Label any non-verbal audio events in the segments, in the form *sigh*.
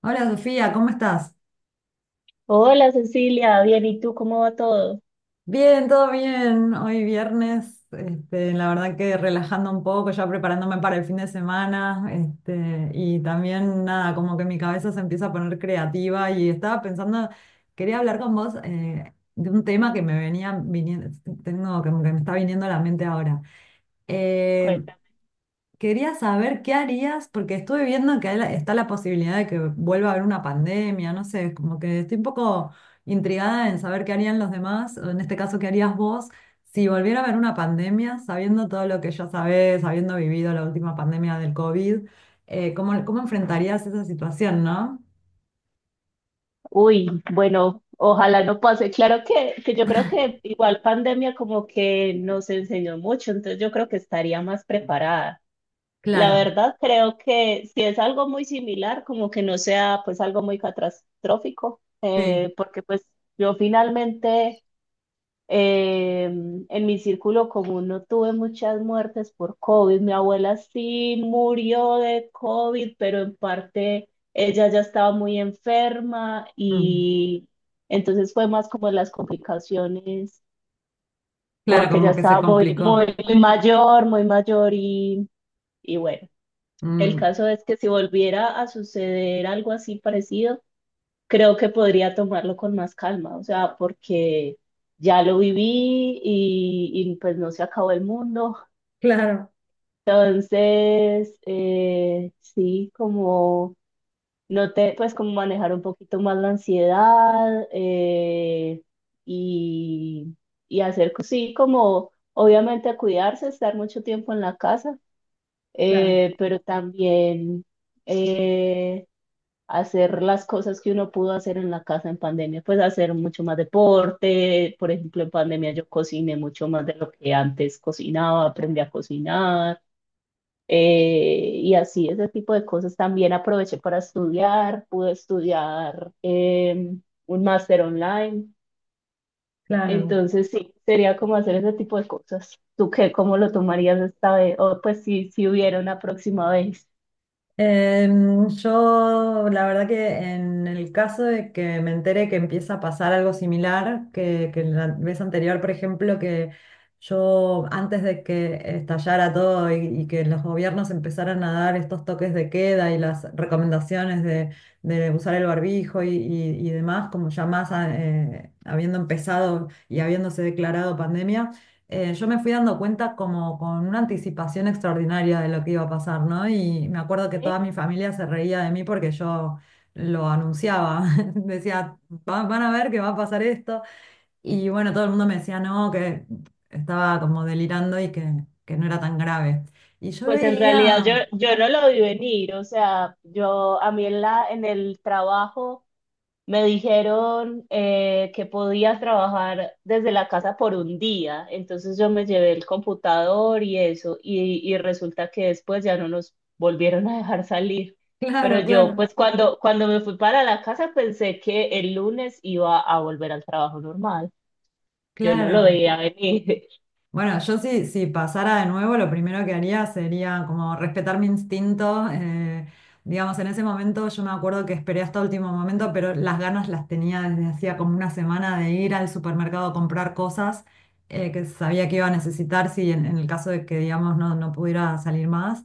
Hola Sofía, ¿cómo estás? Hola Cecilia, bien, ¿y tú cómo va todo? Bien, todo bien. Hoy viernes, la verdad que relajando un poco, ya preparándome para el fin de semana, y también nada, como que mi cabeza se empieza a poner creativa y estaba pensando, quería hablar con vos de un tema que me venía viniendo, tengo como que me está viniendo a la mente ahora. Eh, Cuéntame. Quería saber qué harías, porque estuve viendo que hay está la posibilidad de que vuelva a haber una pandemia, no sé, como que estoy un poco intrigada en saber qué harían los demás, o en este caso, qué harías vos si volviera a haber una pandemia, sabiendo todo lo que ya sabés, habiendo vivido la última pandemia del COVID, ¿cómo, cómo enfrentarías esa situación, no? Uy, bueno, ojalá no pase. Claro que yo creo que igual pandemia como que nos enseñó mucho, entonces yo creo que estaría más preparada. La Claro, verdad, creo que si es algo muy similar, como que no sea pues algo muy catastrófico, sí. Porque pues yo finalmente Eh, en mi círculo común no tuve muchas muertes por COVID. Mi abuela sí murió de COVID, pero en parte ella ya estaba muy enferma mm, y entonces fue más como las complicaciones Claro, porque ya como que se estaba muy, complicó. muy, muy mayor y bueno, el mm, caso es que si volviera a suceder algo así parecido, creo que podría tomarlo con más calma, o sea, porque ya lo viví pues no se acabó el mundo. Claro, Entonces, sí, como no te, pues como manejar un poquito más la ansiedad y, y hacer, sí, como obviamente cuidarse, estar mucho tiempo en la casa, claro, pero también... eh, hacer las cosas que uno pudo hacer en la casa en pandemia, pues hacer mucho más deporte, por ejemplo, en pandemia yo cociné mucho más de lo que antes cocinaba, aprendí a cocinar, y así ese tipo de cosas. También aproveché para estudiar, pude estudiar un máster online, claro. entonces sí, sería como hacer ese tipo de cosas. ¿Tú qué, cómo lo tomarías esta vez? O pues si, si hubiera una próxima vez. Yo, la verdad que en el caso de que me entere que empieza a pasar algo similar, que la vez anterior, por ejemplo, que yo antes de que estallara todo y que los gobiernos empezaran a dar estos toques de queda y las recomendaciones de usar el barbijo y demás, como ya más habiendo empezado y habiéndose declarado pandemia yo me fui dando cuenta como con una anticipación extraordinaria de lo que iba a pasar, ¿no? Y me acuerdo que toda mi Sí. familia se reía de mí porque yo lo anunciaba, *laughs* decía, Van a ver que va a pasar esto." Y bueno, todo el mundo me decía, no, que estaba como delirando que no era tan grave. Y yo Pues en realidad yo, veía, yo no lo vi venir, o sea, yo a mí en la, en el trabajo me dijeron que podía trabajar desde la casa por un día, entonces yo me llevé el computador y eso, y resulta que después ya no nos volvieron a dejar salir. *laughs* Pero claro, yo claro, pues cuando me fui para la casa pensé que el lunes iba a volver al trabajo normal, yo no lo claro. veía venir. Bueno, yo si pasara de nuevo, lo primero que haría sería como respetar mi instinto. Digamos, en ese momento yo me acuerdo que esperé hasta último momento, pero las ganas las tenía desde hacía como una semana de ir al supermercado a comprar cosas que sabía que iba a necesitar si en el caso de que, digamos, no, no pudiera salir más.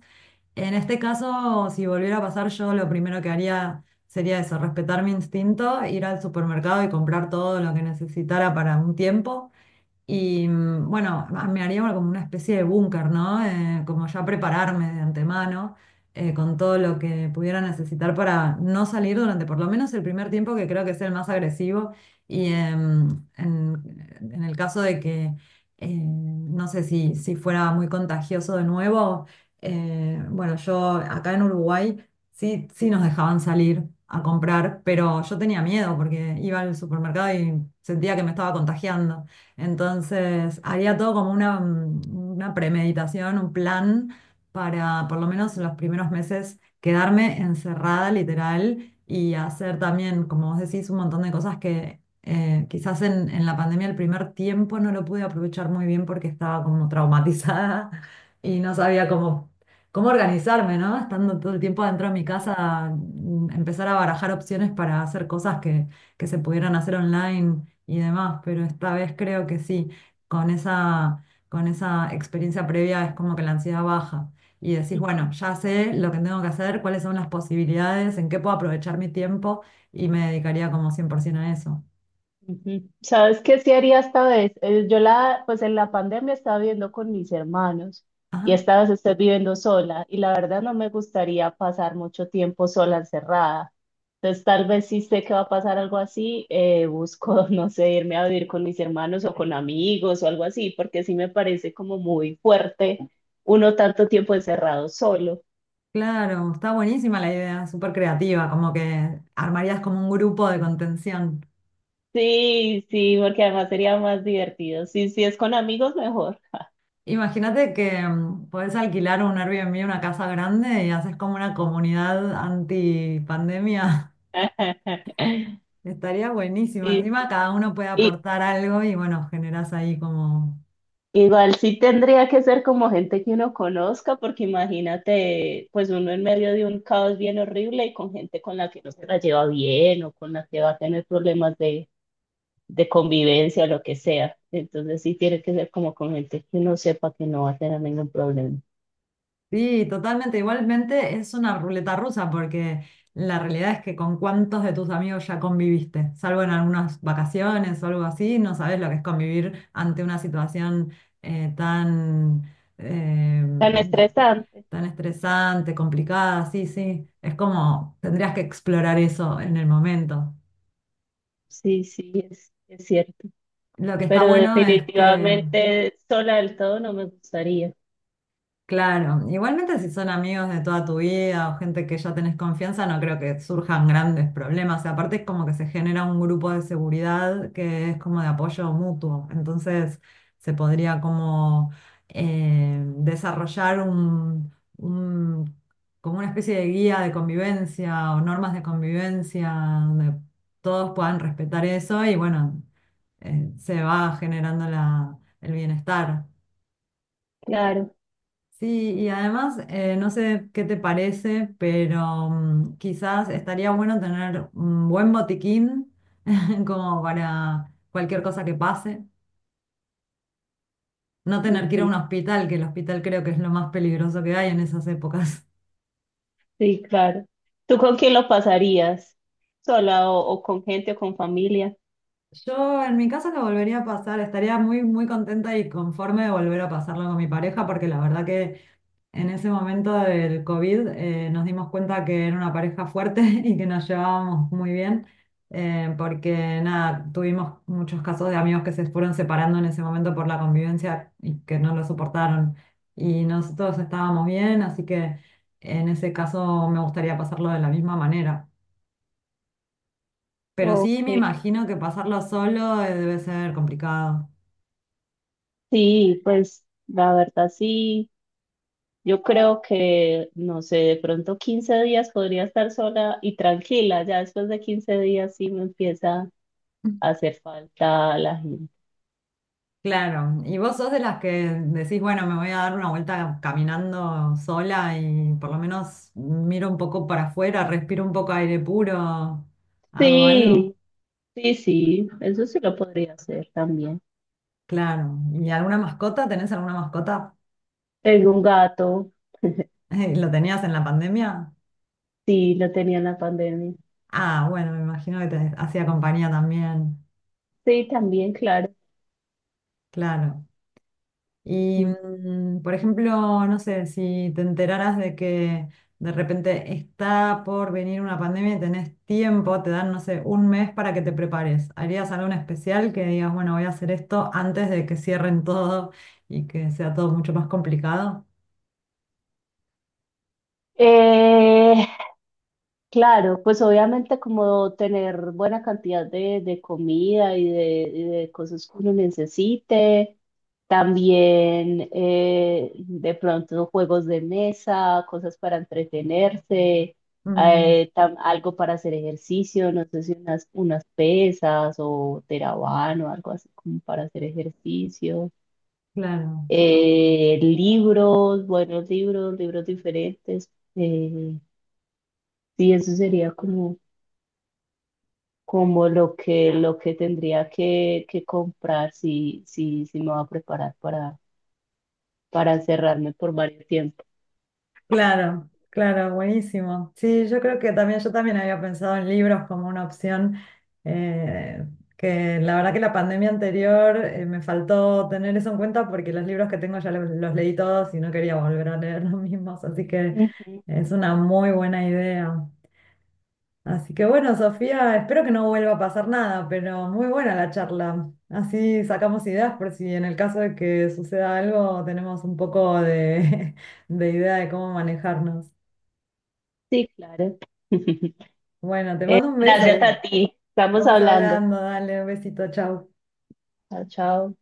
En este caso, si volviera a pasar, yo lo primero que haría sería eso, respetar mi instinto, ir al supermercado y comprar todo lo que necesitara para un tiempo. Y bueno, me haría como una especie de búnker, ¿no? Como ya prepararme de antemano con todo lo que pudiera necesitar para no salir durante por lo menos el primer tiempo, que creo que es el más agresivo. Y en el caso de que, no sé si fuera muy contagioso de nuevo, bueno, yo acá en Uruguay sí, sí nos dejaban salir a comprar, pero yo tenía miedo porque iba al supermercado y sentía que me estaba contagiando. Entonces, había todo como una, una premeditación, un plan para, por lo menos en los primeros meses, quedarme encerrada literal y hacer también, como vos decís, un montón de cosas que quizás en la pandemia el primer tiempo no lo pude aprovechar muy bien porque estaba como traumatizada *laughs* y no sabía cómo, cómo organizarme, ¿no? Estando todo el tiempo dentro de mi *laughs* casa, empezar a barajar opciones para hacer cosas que se pudieran hacer online y demás, pero esta vez creo que sí, con esa, con esa experiencia previa es como que la ansiedad baja y decís, bueno, Claro. ya sé lo que tengo que hacer, cuáles son las posibilidades, en qué puedo aprovechar mi tiempo y me dedicaría como 100% a eso. Ujú. ¿Sabes qué sí haría esta vez? Yo la, pues en la pandemia estaba viviendo con mis hermanos y Ajá, esta vez estoy viviendo sola y la verdad no me gustaría pasar mucho tiempo sola encerrada. Entonces tal vez si sé que va a pasar algo así, busco, *laughs* no sé, irme a vivir con mis hermanos o con amigos o algo así, porque sí me parece como muy fuerte uno tanto tiempo encerrado solo. claro, está buenísima la idea, súper creativa, como que armarías como un grupo de contención. Sí, sí, porque además sería más divertido. Sí, sí, es con amigos mejor. Imagínate que podés alquilar un Airbnb, una casa grande y haces como una comunidad anti pandemia. *laughs* Estaría buenísimo. Sí, Encima cada uno puede sí. aportar algo y bueno, generás ahí como... Igual sí tendría que ser como gente que uno conozca, porque imagínate, pues uno en medio de un caos bien horrible y con gente con la que no se la lleva bien o con la que va a tener problemas de convivencia o lo que sea. Entonces sí tiene que ser como con gente que uno sepa que no va a tener ningún problema. Sí, totalmente. Igualmente es una ruleta rusa porque la realidad es que con cuántos de tus amigos ya conviviste, salvo en algunas vacaciones o algo así, no sabes lo que es convivir ante una situación eh, tan, eh, Tan estresante. tan estresante, complicada. Sí, sí. Es como tendrías que explorar eso en el momento. Sí, sí, es cierto. Lo que está Pero bueno es que... definitivamente sola del todo no me gustaría. Claro, igualmente si son amigos de toda tu vida o gente que ya tenés confianza, no creo que surjan grandes problemas. Y aparte es como que se genera un grupo de seguridad que es como de apoyo mutuo. Entonces se podría como desarrollar un- como una especie de guía de convivencia o normas de convivencia donde todos puedan respetar eso y bueno, se va generando el bienestar. Claro. Sí, y además, no sé qué te parece, pero quizás estaría bueno tener un buen botiquín *laughs* como para cualquier cosa que pase. No tener que ir a Ujú. un hospital, que el hospital creo que es lo más peligroso que hay en esas épocas. Sí, claro. ¿Tú con quién lo pasarías? ¿Sola o con gente o con familia? *laughs* Yo en mi caso lo volvería a pasar, estaría muy, muy contenta y conforme de volver a pasarlo con mi pareja, porque la verdad que en ese momento del COVID nos dimos cuenta que era una pareja fuerte *laughs* y que nos llevábamos muy bien, porque nada, tuvimos muchos casos de amigos que se fueron separando en ese momento por la convivencia y que no lo soportaron. Y nosotros estábamos bien, así que en ese caso me gustaría pasarlo de la misma manera. Pero sí Ok. me imagino que pasarlo solo debe ser complicado. Sí, pues la verdad sí. Yo creo que, no sé, de pronto 15 días podría estar sola y tranquila. Ya después de 15 días sí me empieza a hacer falta la gente. Claro, y vos sos de las que decís, bueno, me voy a dar una vuelta caminando sola y por lo menos miro un poco para afuera, respiro un poco aire puro, hago algo. Sí, sí, sí. Eso sí lo podría hacer también. Claro, ¿y alguna mascota? ¿Tenés alguna mascota? Tengo un gato. *laughs* ¿Lo tenías en la pandemia? Sí, lo tenía en la pandemia. Ah, bueno, me imagino que te hacía compañía también. Sí, también, claro. Claro. Y, Ujú. Por ejemplo, no sé, si te enteraras de que de repente está por venir una pandemia y tenés tiempo, te dan, no sé, un mes para que te prepares. ¿Harías algo en especial que digas, bueno, voy a hacer esto antes de que cierren todo y que sea todo mucho más complicado? Eh, Claro, pues obviamente como tener buena cantidad de comida y de cosas que uno necesite, también de pronto juegos de mesa, cosas para entretenerse, Mm, algo para hacer ejercicio, no sé si unas, unas pesas o terabano, algo así como para hacer ejercicio, claro. Libros, buenos libros, libros diferentes, sí, eso sería como... como lo que tendría que comprar si, si, si me va a preparar para cerrarme por varios tiempos. Claro, claro, buenísimo. Sí, yo creo que también, yo también había pensado en libros como una opción, eh, que la verdad que la pandemia anterior me faltó tener eso en cuenta porque los libros que tengo ya los leí todos y no quería volver a leer *laughs* los mismos, así que Ujú, es una muy buena idea. Así que bueno, Sofía, espero que no vuelva a pasar nada, pero muy buena la charla. Así sacamos ideas por si en el caso de que suceda algo tenemos un poco de *laughs* de idea de cómo manejarnos. sí, claro. *laughs* Bueno, te mando un beso Gracias ahí. a ti. Estamos Estamos hablando. hablando, dale un besito, chau. Chao, chao.